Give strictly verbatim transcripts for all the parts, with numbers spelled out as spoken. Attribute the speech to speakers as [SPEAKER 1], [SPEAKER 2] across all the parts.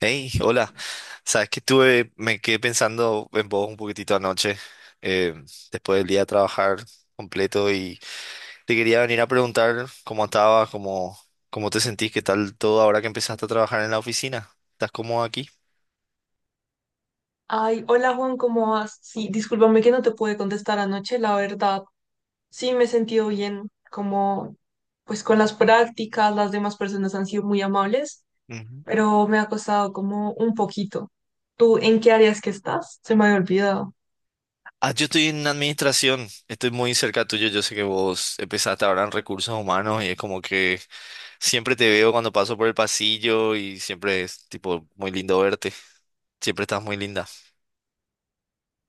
[SPEAKER 1] Hey, hola. Sabes que estuve, me quedé pensando en vos un poquitito anoche, eh, después del día de trabajar completo y te quería venir a preguntar cómo estabas, cómo, cómo te sentís, qué tal todo ahora que empezaste a trabajar en la oficina. ¿Estás cómodo aquí?
[SPEAKER 2] Ay, hola Juan, ¿cómo vas? Sí, discúlpame que no te pude contestar anoche, la verdad. Sí, me he sentido bien, como pues con las prácticas, las demás personas han sido muy amables,
[SPEAKER 1] Ujú.
[SPEAKER 2] pero me ha costado como un poquito. ¿Tú en qué áreas que estás? Se me había olvidado.
[SPEAKER 1] Ah, yo estoy en administración, estoy muy cerca tuyo, yo sé que vos empezaste ahora en recursos humanos y es como que siempre te veo cuando paso por el pasillo y siempre es tipo muy lindo verte, siempre estás muy linda.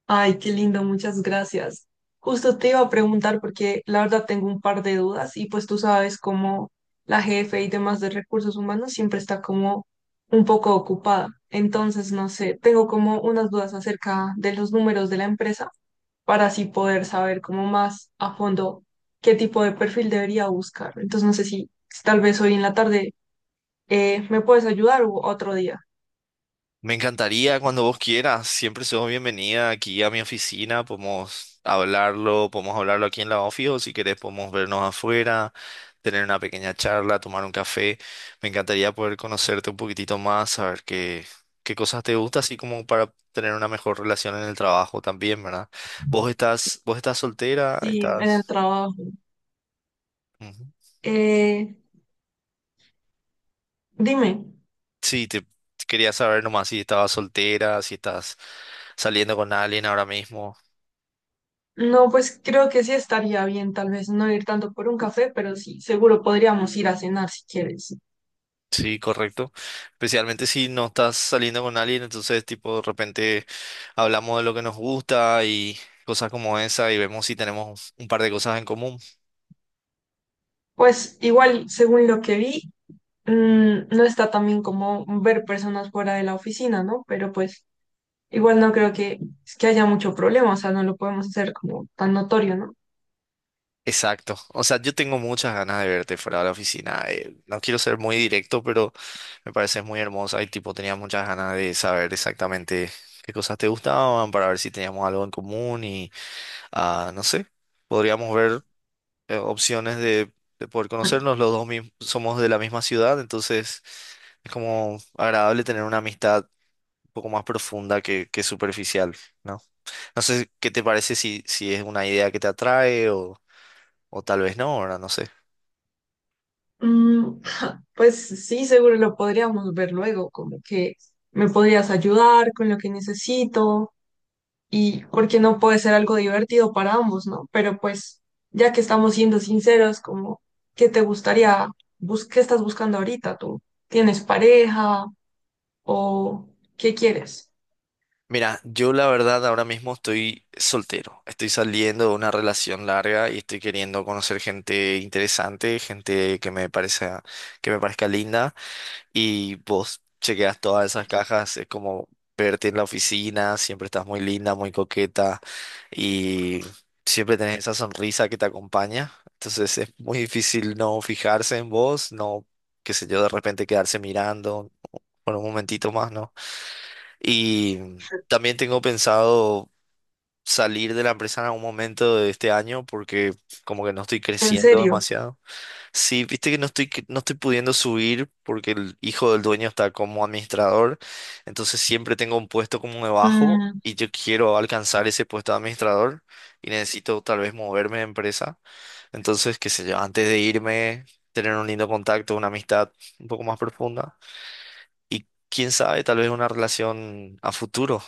[SPEAKER 2] Ay, qué lindo, muchas gracias. Justo te iba a preguntar porque la verdad tengo un par de dudas y pues tú sabes cómo la jefe y demás de recursos humanos siempre está como un poco ocupada. Entonces, no sé, tengo como unas dudas acerca de los números de la empresa para así poder saber como más a fondo qué tipo de perfil debería buscar. Entonces, no sé si, si tal vez hoy en la tarde eh, me puedes ayudar o otro día.
[SPEAKER 1] Me encantaría cuando vos quieras. Siempre sos bienvenida aquí a mi oficina. Podemos hablarlo, podemos hablarlo aquí en la oficina o si querés podemos vernos afuera, tener una pequeña charla, tomar un café. Me encantaría poder conocerte un poquitito más, saber qué, qué cosas te gustan, así como para tener una mejor relación en el trabajo también, ¿verdad? ¿Vos estás, vos estás soltera?
[SPEAKER 2] Sí, en el
[SPEAKER 1] ¿Estás...?
[SPEAKER 2] trabajo.
[SPEAKER 1] Ujú.
[SPEAKER 2] Eh, dime.
[SPEAKER 1] Sí, te quería saber nomás si estabas soltera, si estás saliendo con alguien ahora mismo.
[SPEAKER 2] No, pues creo que sí estaría bien, tal vez no ir tanto por un café, pero sí, seguro podríamos ir a cenar si quieres.
[SPEAKER 1] Sí, correcto. Especialmente si no estás saliendo con alguien, entonces tipo de repente hablamos de lo que nos gusta y cosas como esa y vemos si tenemos un par de cosas en común.
[SPEAKER 2] Pues igual, según lo que vi, mm, no está tan bien como ver personas fuera de la oficina, ¿no? Pero pues igual no creo que, que haya mucho problema, o sea, no lo podemos hacer como tan notorio, ¿no?
[SPEAKER 1] Exacto. O sea, yo tengo muchas ganas de verte fuera de la oficina. Eh, no quiero ser muy directo, pero me pareces muy hermosa y tipo tenía muchas ganas de saber exactamente qué cosas te gustaban para ver si teníamos algo en común y ah, no sé, podríamos ver. Eh, opciones de, de poder conocernos. Los dos mis- somos de la misma ciudad, entonces es como agradable tener una amistad un poco más profunda que, que superficial, ¿no? No sé qué te parece si, si es una idea que te atrae o, o tal vez no, ahora no sé.
[SPEAKER 2] Mm, pues sí, seguro lo podríamos ver luego, como que me podrías ayudar con lo que necesito y porque no puede ser algo divertido para ambos, ¿no? Pero pues, ya que estamos siendo sinceros, como, ¿qué te gustaría, bus- qué estás buscando ahorita tú? ¿Tienes pareja o qué quieres?
[SPEAKER 1] Mira, yo la verdad ahora mismo estoy soltero, estoy saliendo de una relación larga y estoy queriendo conocer gente interesante, gente que me parezca, que me parezca linda. Y vos chequeas todas esas cajas, es como verte en la oficina, siempre estás muy linda, muy coqueta y siempre tenés esa sonrisa que te acompaña. Entonces es muy difícil no fijarse en vos, no, qué sé yo, de repente quedarse mirando por un momentito más, ¿no? Y también tengo pensado salir de la empresa en algún momento de este año porque como que no estoy
[SPEAKER 2] En
[SPEAKER 1] creciendo
[SPEAKER 2] serio.
[SPEAKER 1] demasiado. Sí, viste que no estoy, que no estoy pudiendo subir porque el hijo del dueño está como administrador, entonces siempre tengo un puesto como debajo
[SPEAKER 2] Mm,
[SPEAKER 1] y yo quiero alcanzar ese puesto de administrador y necesito tal vez moverme de empresa. Entonces, qué sé yo, antes de irme, tener un lindo contacto, una amistad un poco más profunda y quién sabe, tal vez una relación a futuro.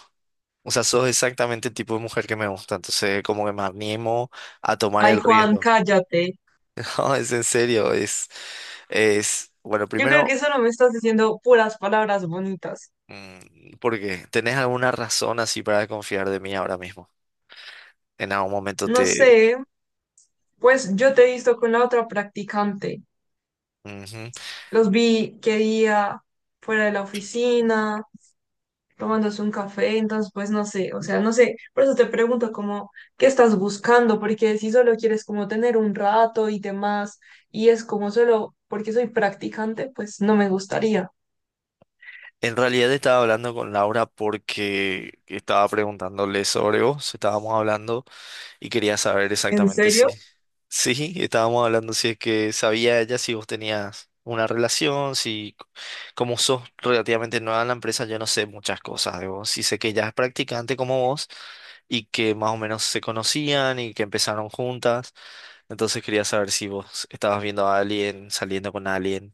[SPEAKER 1] O sea, sos exactamente el tipo de mujer que me gusta, entonces como que me animo a tomar
[SPEAKER 2] ay,
[SPEAKER 1] el
[SPEAKER 2] Juan,
[SPEAKER 1] riesgo.
[SPEAKER 2] cállate.
[SPEAKER 1] No, es en serio, es, es, bueno,
[SPEAKER 2] Yo creo
[SPEAKER 1] primero,
[SPEAKER 2] que solo me estás diciendo puras palabras bonitas.
[SPEAKER 1] mm, ¿por qué? ¿Tenés alguna razón así para desconfiar de mí ahora mismo? En algún momento
[SPEAKER 2] No sé,
[SPEAKER 1] te...
[SPEAKER 2] pues yo te he visto con la otra practicante.
[SPEAKER 1] Ujú.
[SPEAKER 2] Los vi que día fuera de la oficina tomándose un café, entonces pues no sé, o sea, no sé, por eso te pregunto como, ¿qué estás buscando? Porque si solo quieres como tener un rato y demás, y es como solo porque soy practicante, pues no me gustaría.
[SPEAKER 1] En realidad estaba hablando con Laura porque estaba preguntándole sobre vos, estábamos hablando. Y quería saber
[SPEAKER 2] ¿En
[SPEAKER 1] exactamente si,
[SPEAKER 2] serio?
[SPEAKER 1] sí, estábamos hablando si es que sabía ella si vos tenías una relación, si c- como sos relativamente nueva en la empresa, yo no sé muchas cosas de vos. Sí sé que ella es practicante como vos y que más o menos se conocían y que empezaron juntas. Entonces quería saber si vos estabas viendo a alguien, saliendo con alguien,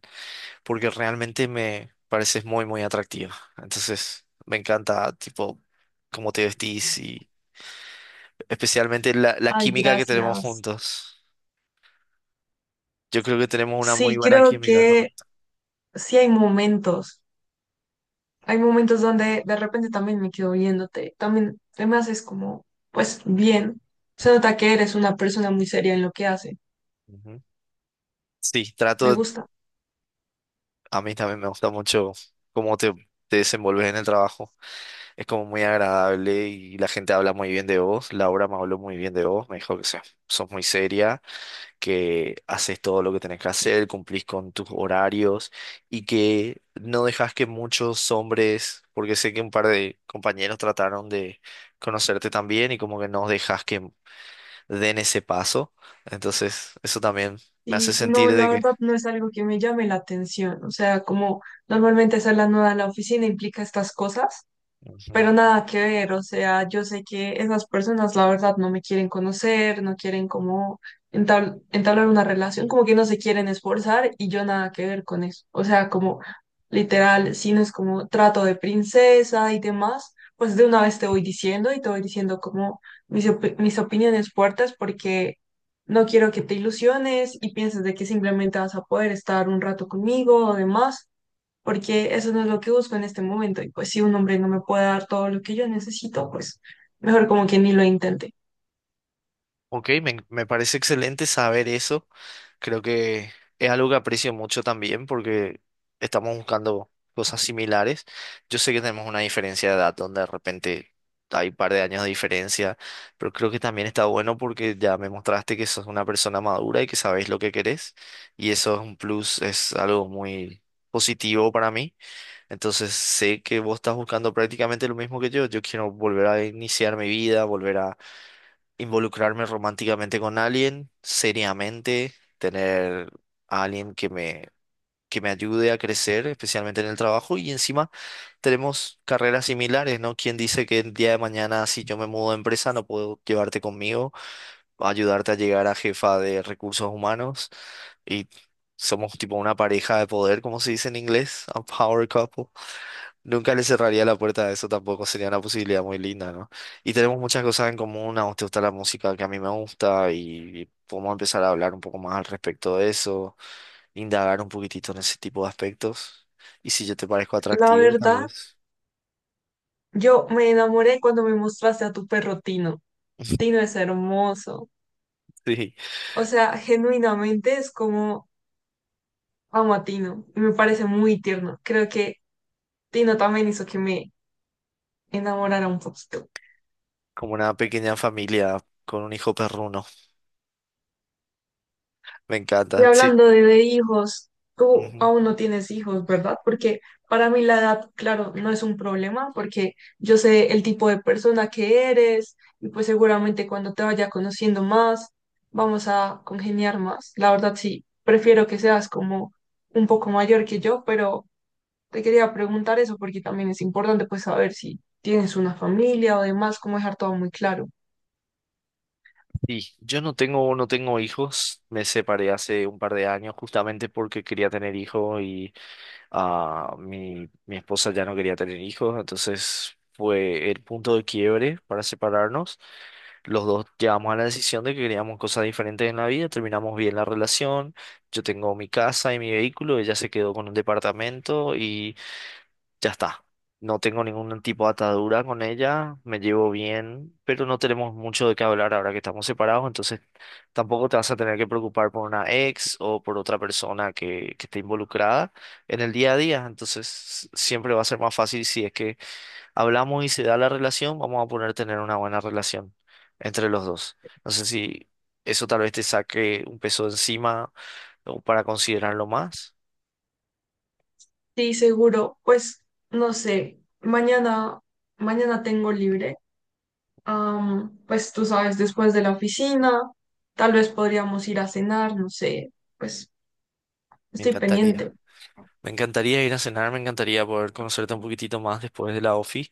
[SPEAKER 1] porque realmente me pareces muy, muy atractiva. Entonces me encanta, tipo, cómo te vestís. Especialmente la, la
[SPEAKER 2] Ay,
[SPEAKER 1] química que tenemos
[SPEAKER 2] gracias.
[SPEAKER 1] juntos. Yo creo que tenemos una muy
[SPEAKER 2] Sí,
[SPEAKER 1] buena
[SPEAKER 2] creo
[SPEAKER 1] química,
[SPEAKER 2] que
[SPEAKER 1] correcto.
[SPEAKER 2] sí hay momentos, hay momentos donde de repente también me quedo viéndote, también te me haces como, pues bien, se nota que eres una persona muy seria en lo que hace,
[SPEAKER 1] Ujú. Sí,
[SPEAKER 2] me
[SPEAKER 1] trato,
[SPEAKER 2] gusta.
[SPEAKER 1] a mí también me gusta mucho cómo te, te desenvolves en el trabajo. Es como muy agradable y la gente habla muy bien de vos. Laura me habló muy bien de vos, me dijo que seas- sos muy seria, que haces todo lo que tenés que hacer, cumplís con tus horarios y que no dejas que muchos hombres, porque sé que un par de compañeros trataron de conocerte también y como que no dejas que den ese paso. Entonces, eso también me hace
[SPEAKER 2] Y no,
[SPEAKER 1] sentir
[SPEAKER 2] la
[SPEAKER 1] de que...
[SPEAKER 2] verdad no es algo que me llame la atención. O sea, como normalmente hacer la nuda en la oficina implica estas cosas.
[SPEAKER 1] Ujú.
[SPEAKER 2] Pero nada que ver, o sea, yo sé que esas personas la verdad no me quieren conocer, no quieren como entabl- entablar una relación, como que no se quieren esforzar y yo nada que ver con eso. O sea, como literal, si no es como trato de princesa y demás, pues de una vez te voy diciendo y te voy diciendo como mis, opi- mis opiniones fuertes porque no quiero que te ilusiones y pienses de que simplemente vas a poder estar un rato conmigo o demás porque eso no es lo que busco en este momento. Y pues si un hombre no me puede dar todo lo que yo necesito, pues mejor como que ni lo intente.
[SPEAKER 1] Ok, me, me parece excelente saber eso. Creo que es algo que aprecio mucho también porque estamos buscando cosas similares. Yo sé que tenemos una diferencia de edad donde de repente hay un par de años de diferencia, pero creo que también está bueno porque ya me mostraste que sos una persona madura y que sabes lo que querés y eso es un plus, es algo muy positivo para mí. Entonces sé que vos estás buscando prácticamente lo mismo que yo. Yo quiero volver a iniciar mi vida, volver a involucrarme románticamente con alguien, seriamente, tener a alguien que me, que me ayude a crecer, especialmente en el trabajo. Y encima tenemos carreras similares, ¿no? ¿Quién dice que el día de mañana, si yo me mudo de empresa, no puedo llevarte conmigo, ayudarte a llegar a jefa de recursos humanos? Y somos tipo una pareja de poder, como se dice en inglés, a power couple. Nunca le cerraría la puerta a eso tampoco, sería una posibilidad muy linda, ¿no? Y tenemos muchas cosas en común, a vos te gusta la música que a mí me gusta y podemos empezar a hablar un poco más al respecto de eso, indagar un poquitito en ese tipo de aspectos. Y si yo te parezco
[SPEAKER 2] La
[SPEAKER 1] atractivo, tal
[SPEAKER 2] verdad,
[SPEAKER 1] vez.
[SPEAKER 2] yo me enamoré cuando me mostraste a tu perro Tino. Tino es hermoso.
[SPEAKER 1] Sí,
[SPEAKER 2] O sea, genuinamente es como amo a Tino. Y me parece muy tierno. Creo que Tino también hizo que me enamorara un poquito.
[SPEAKER 1] como una pequeña familia con un hijo perruno. Me
[SPEAKER 2] Y
[SPEAKER 1] encanta, sí.
[SPEAKER 2] hablando de, de hijos, tú
[SPEAKER 1] Ujú.
[SPEAKER 2] aún no tienes hijos, ¿verdad? Porque para mí la edad, claro, no es un problema porque yo sé el tipo de persona que eres y pues seguramente cuando te vaya conociendo más, vamos a congeniar más. La verdad sí, prefiero que seas como un poco mayor que yo, pero te quería preguntar eso porque también es importante pues saber si tienes una familia o demás, cómo dejar todo muy claro.
[SPEAKER 1] Sí, yo no tengo, no tengo hijos, me separé hace un par de años justamente porque quería tener hijos y ah, mi, mi esposa ya no quería tener hijos, entonces fue el punto de quiebre para separarnos. Los dos llegamos a la decisión de que queríamos cosas diferentes en la vida, terminamos bien la relación, yo tengo mi casa y mi vehículo, ella se quedó con un departamento ya está. No tengo ningún tipo de atadura con ella, me llevo bien, pero no tenemos mucho de qué hablar ahora que estamos separados, entonces tampoco te vas a tener que preocupar por una ex o por otra persona que, que esté involucrada en el día a día, entonces siempre va a ser más fácil si es que hablamos y se da la relación, vamos a poder tener una buena relación entre los dos. No sé si eso tal vez te saque un peso de encima o para considerarlo más.
[SPEAKER 2] Sí, seguro, pues no sé, mañana, mañana tengo libre. Am, pues tú sabes, después de la oficina, tal vez podríamos ir a cenar, no sé, pues
[SPEAKER 1] Me
[SPEAKER 2] estoy
[SPEAKER 1] encantaría.
[SPEAKER 2] pendiente,
[SPEAKER 1] Me encantaría ir a cenar, me encantaría poder conocerte un poquitito más después de la OFI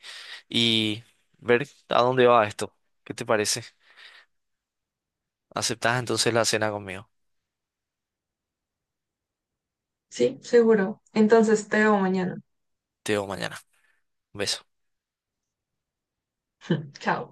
[SPEAKER 1] y ver a dónde va esto. ¿Qué te parece? ¿Aceptás entonces la cena conmigo?
[SPEAKER 2] ¿sí? Seguro. Entonces te veo mañana.
[SPEAKER 1] Te veo mañana. Un beso.
[SPEAKER 2] Chao.